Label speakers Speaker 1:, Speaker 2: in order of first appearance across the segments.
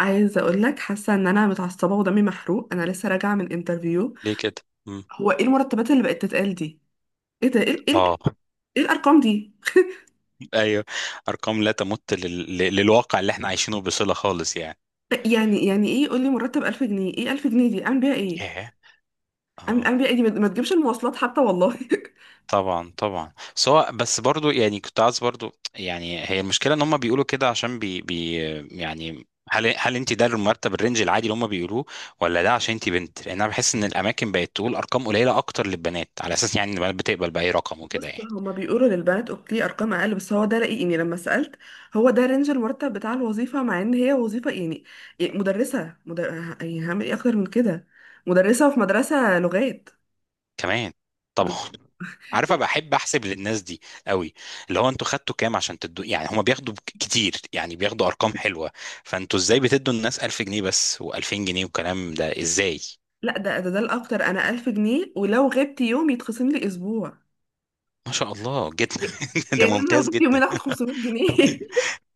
Speaker 1: عايزه اقول لك حاسه ان انا متعصبه ودمي محروق، انا لسه راجعه من انترفيو.
Speaker 2: ليه كده؟ مم.
Speaker 1: هو ايه المرتبات اللي بقت تتقال دي؟ ايه ده، ايه؟
Speaker 2: اه.
Speaker 1: إيه الارقام دي؟
Speaker 2: ايوه. ارقام لا تمت للواقع اللي احنا عايشينه بصلة خالص يعني.
Speaker 1: يعني ايه؟ يقول لي مرتب 1000 جنيه. ايه 1000 جنيه دي؟ اعمل بيها ايه؟
Speaker 2: ياه.
Speaker 1: اعمل
Speaker 2: اه،
Speaker 1: اعمل بيها ايه؟ دي ما تجيبش المواصلات حتى والله
Speaker 2: طبعا طبعا، سواء، بس برضو يعني كنت عايز برضو يعني، هي المشكلة ان هم بيقولوا كده عشان بي... بي يعني هل انت ده المرتب الرينج العادي اللي هم بيقولوه، ولا ده عشان انت بنت؟ لان انا بحس ان الاماكن بقت تقول ارقام قليلة اكتر للبنات على اساس يعني ان البنات بتقبل باي رقم وكده
Speaker 1: بص،
Speaker 2: يعني.
Speaker 1: هما بيقولوا للبنات اوكي ارقام اقل، بس هو ده رأيي يعني لما سألت. هو ده رينج المرتب بتاع الوظيفه، مع ان هي وظيفه يعني. يعني مدرسه، يعني هعمل ايه اكتر من كده؟ مدرسه في مدرسه لغات
Speaker 2: كمان. طبعا.
Speaker 1: بس.
Speaker 2: عارفه بحب احسب للناس دي قوي، اللي هو انتوا خدتوا كام عشان تدوا؟ يعني هما بياخدوا كتير، يعني بياخدوا ارقام حلوه، فانتوا ازاي بتدوا الناس 1000 جنيه بس و2000 جنيه والكلام ده؟ ازاي؟
Speaker 1: لا، ده ده الاكتر، انا 1000 جنيه، ولو غبت يوم يتخصم لي اسبوع.
Speaker 2: ما شاء الله جدا. ده
Speaker 1: يعني انا لو
Speaker 2: ممتاز
Speaker 1: غبت يومين
Speaker 2: جدا.
Speaker 1: اخد 500 جنيه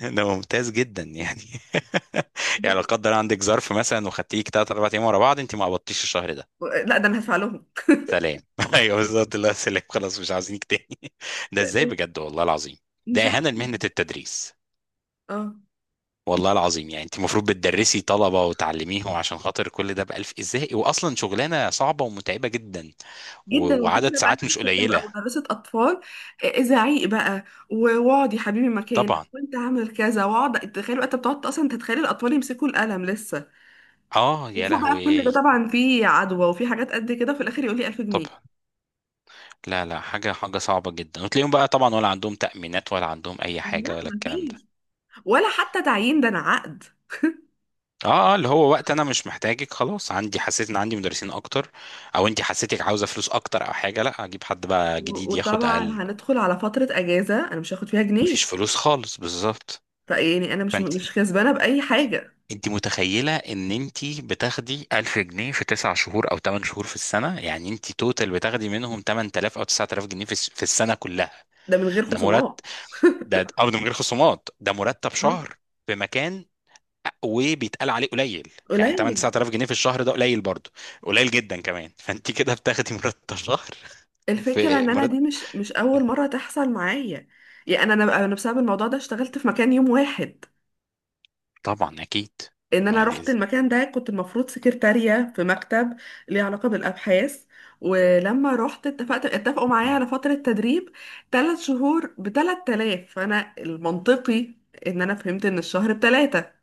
Speaker 2: ده ممتاز جدا يعني. يعني لو قدر عندك ظرف مثلا وخدتيك 3 4 ايام ورا بعض، انت ما قبضتيش الشهر ده؟
Speaker 1: لا، ده انا هدفع لهم.
Speaker 2: سلام. ايوه بالظبط، الله، سلام، خلاص مش عاوزينك تاني. ده
Speaker 1: ده-
Speaker 2: ازاي
Speaker 1: ده-
Speaker 2: بجد، والله العظيم ده
Speaker 1: مش
Speaker 2: اهانه
Speaker 1: عارفه.
Speaker 2: لمهنه التدريس.
Speaker 1: اه،
Speaker 2: والله العظيم يعني انت المفروض بتدرسي طلبة وتعلميهم عشان خاطر كل ده بألف؟ ازاي؟ واصلا شغلانة صعبة ومتعبة جدا.
Speaker 1: جدا.
Speaker 2: وعدد
Speaker 1: والفكره بقى إن
Speaker 2: ساعات
Speaker 1: انا
Speaker 2: مش
Speaker 1: كنت هبقى
Speaker 2: قليلة.
Speaker 1: مدرسه اطفال. آه، زعيق بقى. واقعد يا حبيبي مكانك
Speaker 2: طبعا.
Speaker 1: وانت عامل كذا، واقعد تخيل. انت بتقعد اصلا، انت تتخيل الاطفال يمسكوا القلم لسه.
Speaker 2: اه يا
Speaker 1: وفوق بقى كل ده
Speaker 2: لهوي.
Speaker 1: طبعا في عدوى وفي حاجات قد كده، وفي الاخر يقول لي 1000 جنيه.
Speaker 2: طبعا. لا لا، حاجة صعبة جدا. وتلاقيهم بقى طبعا ولا عندهم تأمينات ولا عندهم اي
Speaker 1: لا،
Speaker 2: حاجة ولا الكلام ده.
Speaker 1: مفيش. ولا حتى تعيين، ده انا عقد.
Speaker 2: اه اه، اللي هو وقت انا مش محتاجك خلاص، عندي، حسيت ان عندي مدرسين اكتر، او انت حسيتك عاوزة فلوس اكتر او حاجة، لا، اجيب حد بقى جديد ياخد
Speaker 1: وطبعا
Speaker 2: اقل،
Speaker 1: هندخل على فترة أجازة أنا مش هاخد فيها جنيه.
Speaker 2: مفيش فلوس خالص بالظبط.
Speaker 1: فيعني أنا مش
Speaker 2: فانت،
Speaker 1: مش كسبانة بأي حاجة.
Speaker 2: انت متخيله ان انت بتاخدي 1000 جنيه في 9 شهور او 8 شهور في السنه؟ يعني انت توتال بتاخدي منهم 8000 او 9000 جنيه في السنه كلها.
Speaker 1: ده من غير
Speaker 2: ده مرتب،
Speaker 1: خصومات.
Speaker 2: ده ده ارض من غير خصومات، ده مرتب
Speaker 1: مم.
Speaker 2: شهر في مكان وبيتقال عليه قليل؟ يعني 8
Speaker 1: قليل.
Speaker 2: 9000 جنيه في الشهر ده قليل برضه؟ قليل جدا كمان. فانت كده بتاخدي مرتب شهر
Speaker 1: الفكرة
Speaker 2: في
Speaker 1: إن أنا
Speaker 2: مرتب.
Speaker 1: دي مش أول مرة تحصل معايا. يعني أنا بسبب الموضوع ده اشتغلت في مكان يوم واحد.
Speaker 2: طبعا اكيد.
Speaker 1: إن أنا
Speaker 2: ما دي
Speaker 1: رحت
Speaker 2: ازاي.
Speaker 1: المكان ده كنت المفروض سكرتارية في مكتب ليه علاقة بالأبحاث. ولما رحت اتفقوا معايا على فترة تدريب، 3 شهور بثلاث آلاف. فأنا المنطقي إن أنا فهمت إن الشهر بتلاتة.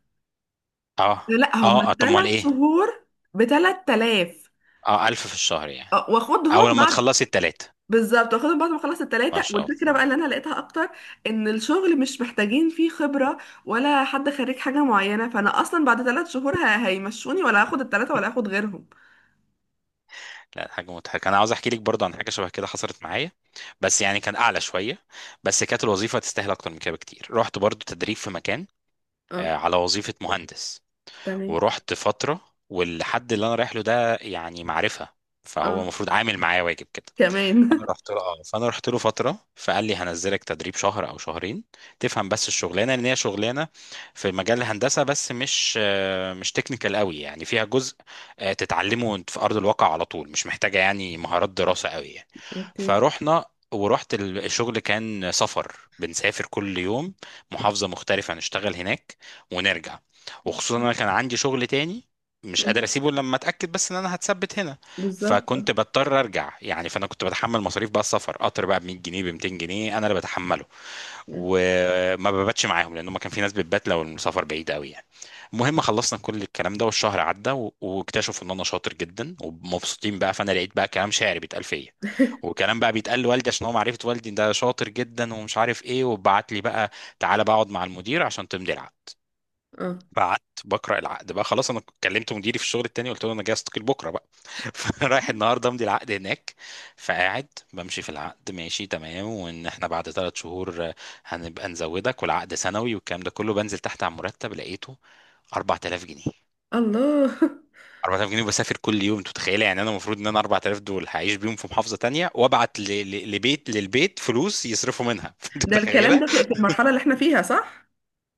Speaker 2: اه
Speaker 1: لا، هم
Speaker 2: اه، طب امال
Speaker 1: الثلاث
Speaker 2: ايه؟
Speaker 1: شهور بثلاث آلاف.
Speaker 2: اه، 1000 في الشهر يعني،
Speaker 1: آه،
Speaker 2: او
Speaker 1: واخدهم
Speaker 2: لما
Speaker 1: بعد.
Speaker 2: تخلصي الثلاثه.
Speaker 1: بالظبط، واخدهم بعد ما اخلص
Speaker 2: ما
Speaker 1: الثلاثه.
Speaker 2: شاء
Speaker 1: والفكره بقى
Speaker 2: الله.
Speaker 1: اللي انا لقيتها اكتر ان الشغل مش محتاجين فيه خبره ولا حد خريج حاجه معينه. فانا اصلا بعد 3 شهور هيمشوني، ولا هاخد الثلاثه ولا هاخد غيرهم.
Speaker 2: لا، حاجة مضحكة، أنا عاوز أحكي لك برضه عن حاجة شبه كده حصلت معايا، بس يعني كان أعلى شوية، بس كانت الوظيفة تستاهل أكتر من كده بكتير. رحت برضه تدريب في مكان،
Speaker 1: اه،
Speaker 2: على وظيفة مهندس.
Speaker 1: تمام.
Speaker 2: ورحت فترة، والحد اللي أنا رايح له ده يعني معرفة، فهو
Speaker 1: اه،
Speaker 2: المفروض عامل معايا واجب كده.
Speaker 1: كمان
Speaker 2: انا رحت له اه، فانا رحت له فتره فقال لي هنزلك تدريب شهر او شهرين تفهم بس الشغلانه، لان هي شغلانه في مجال الهندسه بس مش مش تكنيكال قوي، يعني فيها جزء تتعلمه وانت في ارض الواقع على طول، مش محتاجه يعني مهارات دراسه قوي يعني.
Speaker 1: اوكي.
Speaker 2: فروحنا. ورحت الشغل كان سفر، بنسافر كل يوم محافظه مختلفه نشتغل هناك ونرجع. وخصوصا انا كان عندي شغل تاني مش قادر
Speaker 1: مم.
Speaker 2: اسيبه إلا لما اتاكد بس ان انا هتثبت هنا،
Speaker 1: بالظبط، آه.
Speaker 2: فكنت بضطر ارجع يعني. فانا كنت بتحمل مصاريف بقى السفر، قطر بقى ب 100 جنيه ب 200 جنيه انا اللي بتحمله،
Speaker 1: مم.
Speaker 2: وما بباتش معاهم لان ما كان في ناس بتبات لو المسافر بعيد قوي يعني. المهم خلصنا كل الكلام ده والشهر عدى واكتشفوا ان انا شاطر جدا ومبسوطين بقى، فانا لقيت بقى كلام شعري بيتقال فيا، وكلام بقى بيتقال لوالدي عشان هو معرفه والدي، ده شاطر جدا ومش عارف ايه، وبعت لي بقى تعالى بقى اقعد مع المدير عشان تمضي العقد.
Speaker 1: اه.
Speaker 2: فقعدت بقرا العقد بقى، خلاص انا كلمت مديري في الشغل التاني قلت له انا جاي استقيل بكره بقى. فرايح النهارده امضي العقد هناك. فقاعد بمشي في العقد ماشي تمام، وان احنا بعد ثلاث شهور هنبقى نزودك والعقد سنوي والكلام ده كله. بنزل تحت على المرتب لقيته 4000 جنيه.
Speaker 1: الله
Speaker 2: 4000 جنيه وبسافر كل يوم، انت متخيله؟ يعني انا المفروض ان انا 4000 دول هعيش بيهم في محافظه تانية وابعت لبيت، للبيت فلوس يصرفوا منها. انت
Speaker 1: ده الكلام
Speaker 2: متخيله؟
Speaker 1: ده في المرحله اللي احنا فيها، صح؟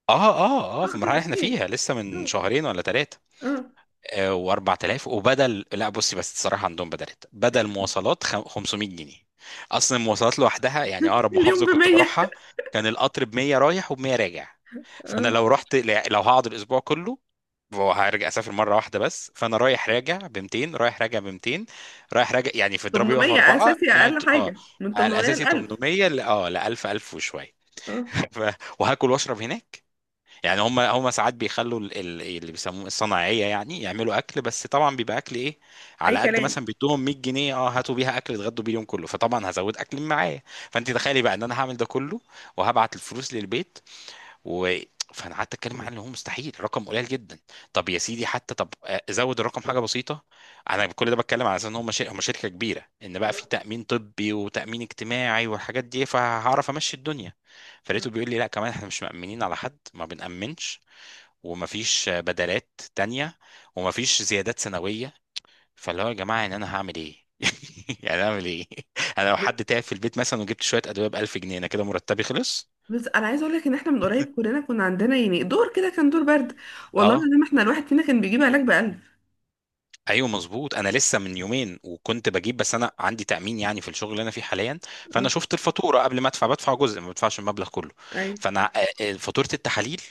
Speaker 2: اه اه اه في
Speaker 1: اه، طب
Speaker 2: المرحله اللي احنا
Speaker 1: اوكي.
Speaker 2: فيها، لسه من
Speaker 1: اه،
Speaker 2: شهرين ولا ثلاثه.
Speaker 1: اه.
Speaker 2: و4000 وبدل، لا بصي بس الصراحه عندهم بدلت، بدل مواصلات 500 جنيه، اصلا المواصلات لوحدها يعني، اقرب
Speaker 1: اليوم
Speaker 2: محافظه كنت
Speaker 1: بمية.
Speaker 2: بروحها كان القطر ب 100 رايح وب 100 راجع، فانا
Speaker 1: اه،
Speaker 2: لو رحت، لو هقعد الاسبوع كله وهرجع اسافر مره واحده بس، فانا رايح راجع ب 200 رايح راجع ب 200 رايح راجع يعني، في اضربي بقى في
Speaker 1: 800
Speaker 2: اربعه
Speaker 1: اساسي،
Speaker 2: يعني
Speaker 1: اقل
Speaker 2: اه،
Speaker 1: حاجه من
Speaker 2: على
Speaker 1: 800 ل
Speaker 2: الاساسي
Speaker 1: 1000.
Speaker 2: 800 اه ل 1000 1000 وشويه.
Speaker 1: اه،
Speaker 2: ف... وهاكل واشرب هناك، يعني هم هم ساعات بيخلوا اللي بيسموه الصناعيه يعني، يعملوا اكل بس طبعا بيبقى اكل ايه،
Speaker 1: اي
Speaker 2: على قد
Speaker 1: كلام.
Speaker 2: مثلا بيدوهم 100 جنيه اه، هاتوا بيها اكل اتغدوا بيه اليوم كله، فطبعا هزود اكل معايا. فانت تخيلي بقى ان انا هعمل ده كله وهبعت الفلوس للبيت و، فانا قعدت اتكلم عنه اللي هو مستحيل رقم قليل جدا. طب يا سيدي حتى طب زود الرقم حاجه بسيطه. انا كل ده بتكلم على اساس ان هم هم شركه كبيره، ان بقى في
Speaker 1: آه.
Speaker 2: تامين طبي وتامين اجتماعي والحاجات دي فهعرف امشي الدنيا. فلقيته بيقول لي لا كمان احنا مش مأمنين على حد، ما بنأمنش، ومفيش بدلات تانية، ومفيش زيادات سنويه. فاللي هو يا جماعه يعني انا هعمل ايه؟ يعني اعمل ايه؟ انا لو حد تعب في البيت مثلا وجبت شويه ادويه ب 1000 جنيه، انا كده مرتبي خلص.
Speaker 1: بس انا عايزه اقول لك ان احنا من قريب كلنا كنا عندنا يعني دور كده، كان دور برد. والله
Speaker 2: اه،
Speaker 1: العظيم احنا الواحد فينا كان بيجيب علاج ب 1000.
Speaker 2: ايوه مظبوط، انا لسه من يومين وكنت بجيب، بس انا عندي تامين يعني في الشغل اللي انا فيه حاليا، فانا
Speaker 1: اه.
Speaker 2: شفت الفاتوره قبل ما ادفع، بدفع جزء ما بدفعش المبلغ كله.
Speaker 1: ايوه،
Speaker 2: فانا فاتوره التحاليل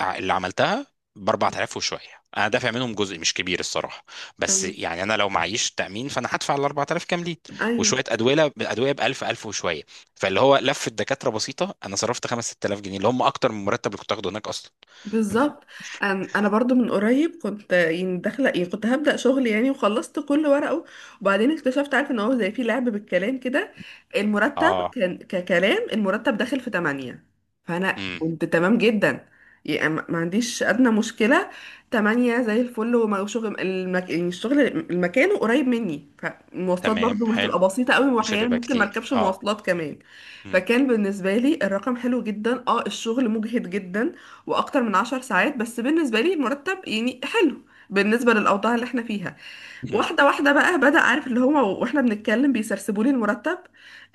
Speaker 2: اللي عملتها ب 4000 وشويه، انا دافع منهم جزء مش كبير الصراحه، بس
Speaker 1: تمام.
Speaker 2: يعني انا لو معيش تامين فانا هدفع ال 4000 كاملين،
Speaker 1: ايوه،
Speaker 2: وشويه ادويه، ادويه ب 1000 1000 وشويه، فاللي هو لفه دكاتره بسيطه انا صرفت 5 6000 جنيه اللي هم اكتر من المرتب اللي كنت اخده هناك اصلا.
Speaker 1: بالظبط. انا أنا برضو من قريب كنت يعني داخله، يعني كنت هبدا شغل يعني وخلصت كل ورقه. وبعدين اكتشفت، عارف، ان هو زي في لعب بالكلام كده. المرتب
Speaker 2: اه.
Speaker 1: كان ككلام، المرتب داخل في 8. فانا
Speaker 2: امم.
Speaker 1: كنت تمام جدا، يعني ما عنديش ادنى مشكله. 8 زي الفل. وشغل يعني الشغل، المكان قريب مني، فالمواصلات
Speaker 2: تمام،
Speaker 1: برضو ما
Speaker 2: حلو.
Speaker 1: هتبقى بسيطه قوي،
Speaker 2: مش
Speaker 1: واحيانا
Speaker 2: هتبقى
Speaker 1: ممكن ما
Speaker 2: كتير
Speaker 1: اركبش
Speaker 2: اه.
Speaker 1: مواصلات كمان.
Speaker 2: امم.
Speaker 1: فكان بالنسبه لي الرقم حلو جدا. اه، الشغل مجهد جدا واكتر من 10 ساعات، بس بالنسبه لي المرتب يعني حلو بالنسبه للاوضاع اللي احنا فيها.
Speaker 2: مم.
Speaker 1: واحده واحده بقى بدا، عارف اللي هو، واحنا بنتكلم بيسرسبوا لي المرتب.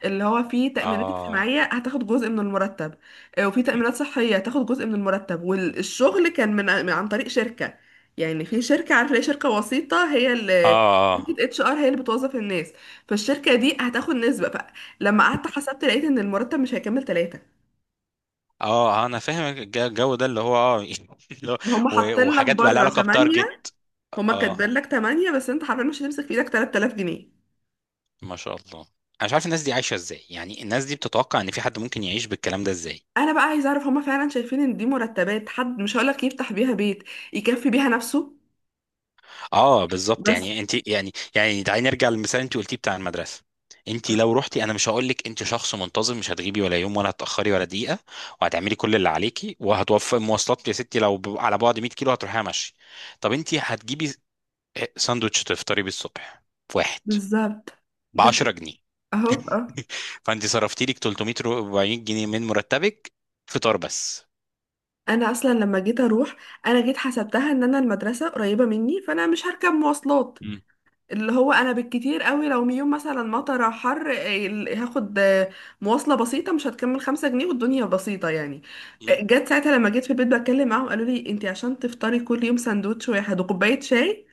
Speaker 1: اللي هو فيه تامينات
Speaker 2: اه
Speaker 1: اجتماعيه هتاخد جزء من المرتب، آه، وفي تامينات صحيه هتاخد جزء من المرتب. والشغل كان عن طريق شركه. يعني في شركه، عارف، اللي هي شركه وسيطه، هي اللي،
Speaker 2: اه
Speaker 1: شركه HR هي اللي بتوظف الناس. فالشركه دي هتاخد نسبه. فلما قعدت حسبت لقيت ان المرتب مش هيكمل ثلاثه.
Speaker 2: اه، انا فاهم الجو ده اللي هو اه. اللي هو-
Speaker 1: هم حاطين لك
Speaker 2: وحاجات بقى لها
Speaker 1: بره
Speaker 2: علاقه
Speaker 1: 8،
Speaker 2: بتارجت.
Speaker 1: هما
Speaker 2: اه.
Speaker 1: كاتبين لك 8 بس انت حرفيا مش هتمسك في ايدك 3000 جنيه.
Speaker 2: ما شاء الله. انا مش عارف الناس دي عايشه ازاي، يعني الناس دي بتتوقع ان في حد ممكن يعيش بالكلام ده ازاي؟
Speaker 1: انا بقى عايزه اعرف، هما فعلا شايفين ان دي مرتبات حد، مش هقولك يفتح بيها بيت، يكفي بيها نفسه؟
Speaker 2: اه بالظبط
Speaker 1: بس،
Speaker 2: يعني انت، يعني يعني تعالي نرجع للمثال اللي انت قلتيه بتاع المدرسه، انت لو رحتي، انا مش هقول لك انت شخص منتظم مش هتغيبي ولا يوم ولا هتاخري ولا دقيقه، وهتعملي كل اللي عليكي وهتوفري مواصلات يا ستي، لو على بعد 100 كيلو هتروحيها ماشي، طب انت هتجيبي ساندوتش تفطري بيه الصبح في واحد
Speaker 1: بالظبط.
Speaker 2: ب
Speaker 1: ده
Speaker 2: 10
Speaker 1: في-
Speaker 2: جنيه
Speaker 1: اهو، اه.
Speaker 2: فانت صرفتي لك 340 جنيه من مرتبك فطار بس.
Speaker 1: انا اصلا لما جيت اروح، انا جيت حسبتها ان انا المدرسه قريبه مني فانا مش هركب مواصلات.
Speaker 2: مم.
Speaker 1: اللي هو انا بالكتير قوي، لو يوم مثلا مطر أو حر، إيه، هاخد مواصله بسيطه مش هتكمل 5 جنيه، والدنيا بسيطه يعني.
Speaker 2: مم.
Speaker 1: آه، جت ساعتها لما جيت في البيت بتكلم معاهم قالوا لي انت عشان تفطري كل يوم سندوتش واحد وكوبايه شاي،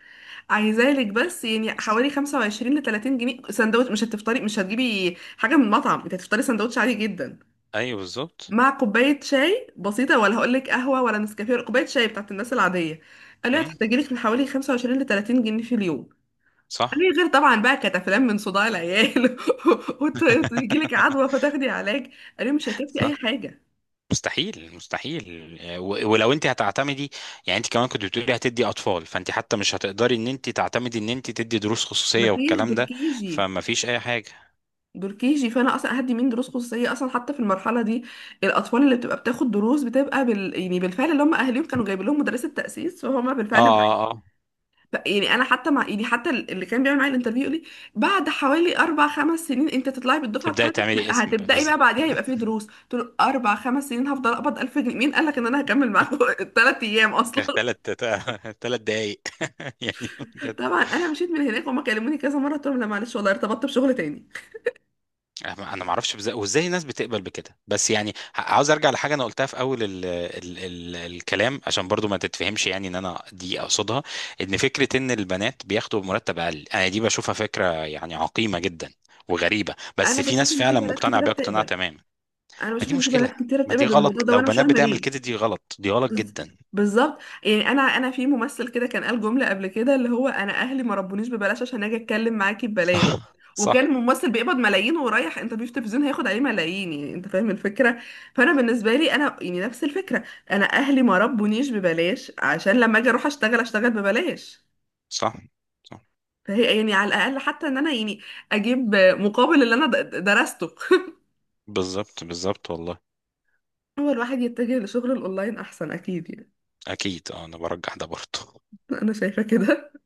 Speaker 1: عايزالك بس يعني
Speaker 2: بس.
Speaker 1: حوالي 25 ل 30 جنيه. سندوتش، مش هتفطري، مش هتجيبي حاجه من المطعم، انت هتفطري سندوتش عادي جدا
Speaker 2: ايوه بالظبط.
Speaker 1: مع كوبايه شاي بسيطه، ولا هقول لك قهوه ولا نسكافيه، كوبايه شاي بتاعت الناس العاديه. قالوا لي
Speaker 2: مم.
Speaker 1: هتحتاجي لك من حوالي 25 ل 30 جنيه في اليوم.
Speaker 2: صح.
Speaker 1: أي غير طبعا بقى كانت افلام من صداع العيال وتجي لك عدوى فتاخدي علاج. انا مش هيكفي
Speaker 2: صح.
Speaker 1: اي حاجه.
Speaker 2: مستحيل مستحيل. ولو انت هتعتمدي، يعني انت كمان كنت بتقولي هتدي اطفال، فانت حتى مش هتقدري ان انت تعتمدي ان انت تدي دروس خصوصيه
Speaker 1: مفيش
Speaker 2: والكلام
Speaker 1: دول
Speaker 2: ده،
Speaker 1: كيجي.
Speaker 2: فما فيش اي حاجه.
Speaker 1: دول كيجي، فانا اصلا هدي مين دروس خصوصيه اصلا حتى في المرحله دي؟ الاطفال اللي بتبقى بتاخد دروس بتبقى يعني بالفعل اللي هم اهاليهم كانوا جايبين لهم مدرسه تاسيس فهم
Speaker 2: اه
Speaker 1: بالفعل.
Speaker 2: اه اه،
Speaker 1: لا، يعني انا حتى مع، يعني حتى اللي كان بيعمل معايا الانترفيو يقول لي بعد حوالي 4 5 سنين انت تطلعي بالدفعه
Speaker 2: تبداي
Speaker 1: بتاعتك
Speaker 2: تعملي اسم بقى.
Speaker 1: هتبداي بقى بعديها يبقى في دروس. قلت له 4 5 سنين هفضل اقبض 1000 جنيه؟ مين قال لك ان انا هكمل معاكم ال3 ايام اصلا؟
Speaker 2: ثلاث، ثلاث دقايق. يعني بجد
Speaker 1: طبعا انا مشيت من هناك، وهم كلموني كذا مره قلت لهم لا، معلش والله ارتبطت بشغل تاني.
Speaker 2: انا ما اعرفش وازاي الناس بتقبل بكده، بس يعني عاوز ارجع لحاجه انا قلتها في اول ال ال ال الكلام عشان برضو ما تتفهمش يعني ان انا دي اقصدها، ان فكره ان البنات بياخدوا مرتب اقل، انا دي بشوفها فكره يعني عقيمه جدا وغريبه، بس
Speaker 1: انا
Speaker 2: في
Speaker 1: بشوف
Speaker 2: ناس
Speaker 1: ان في
Speaker 2: فعلا
Speaker 1: بنات
Speaker 2: مقتنعه
Speaker 1: كتيره
Speaker 2: بيها اقتناع
Speaker 1: بتقبل.
Speaker 2: تمام.
Speaker 1: انا
Speaker 2: ما
Speaker 1: بشوف
Speaker 2: دي
Speaker 1: ان في
Speaker 2: مشكله،
Speaker 1: بنات كتيره
Speaker 2: ما
Speaker 1: بتقبل
Speaker 2: دي غلط،
Speaker 1: بالموضوع ده،
Speaker 2: لو
Speaker 1: وانا مش
Speaker 2: بنات
Speaker 1: فاهمه
Speaker 2: بتعمل
Speaker 1: ليه.
Speaker 2: كده دي غلط دي غلط
Speaker 1: بز-
Speaker 2: جدا.
Speaker 1: بالظبط. يعني انا في ممثل كده كان قال جمله قبل كده، اللي هو: انا اهلي ما ربونيش ببلاش عشان اجي اتكلم معاكي ببلاش. وكان
Speaker 2: صح
Speaker 1: ممثل بيقبض ملايين ورايح انترفيو في تلفزيون هياخد عليه ملايين، يعني انت فاهم الفكره. فانا بالنسبه لي انا يعني نفس الفكره، انا اهلي ما ربونيش ببلاش عشان لما اجي اروح اشتغل ببلاش.
Speaker 2: صح. صح. صح.
Speaker 1: فهي يعني على الاقل حتى ان انا يعني اجيب مقابل اللي انا درسته
Speaker 2: بالظبط بالظبط والله.
Speaker 1: هو الواحد يتجه لشغل الاونلاين احسن اكيد يعني.
Speaker 2: اكيد انا برجح ده برضو.
Speaker 1: انا شايفه كده.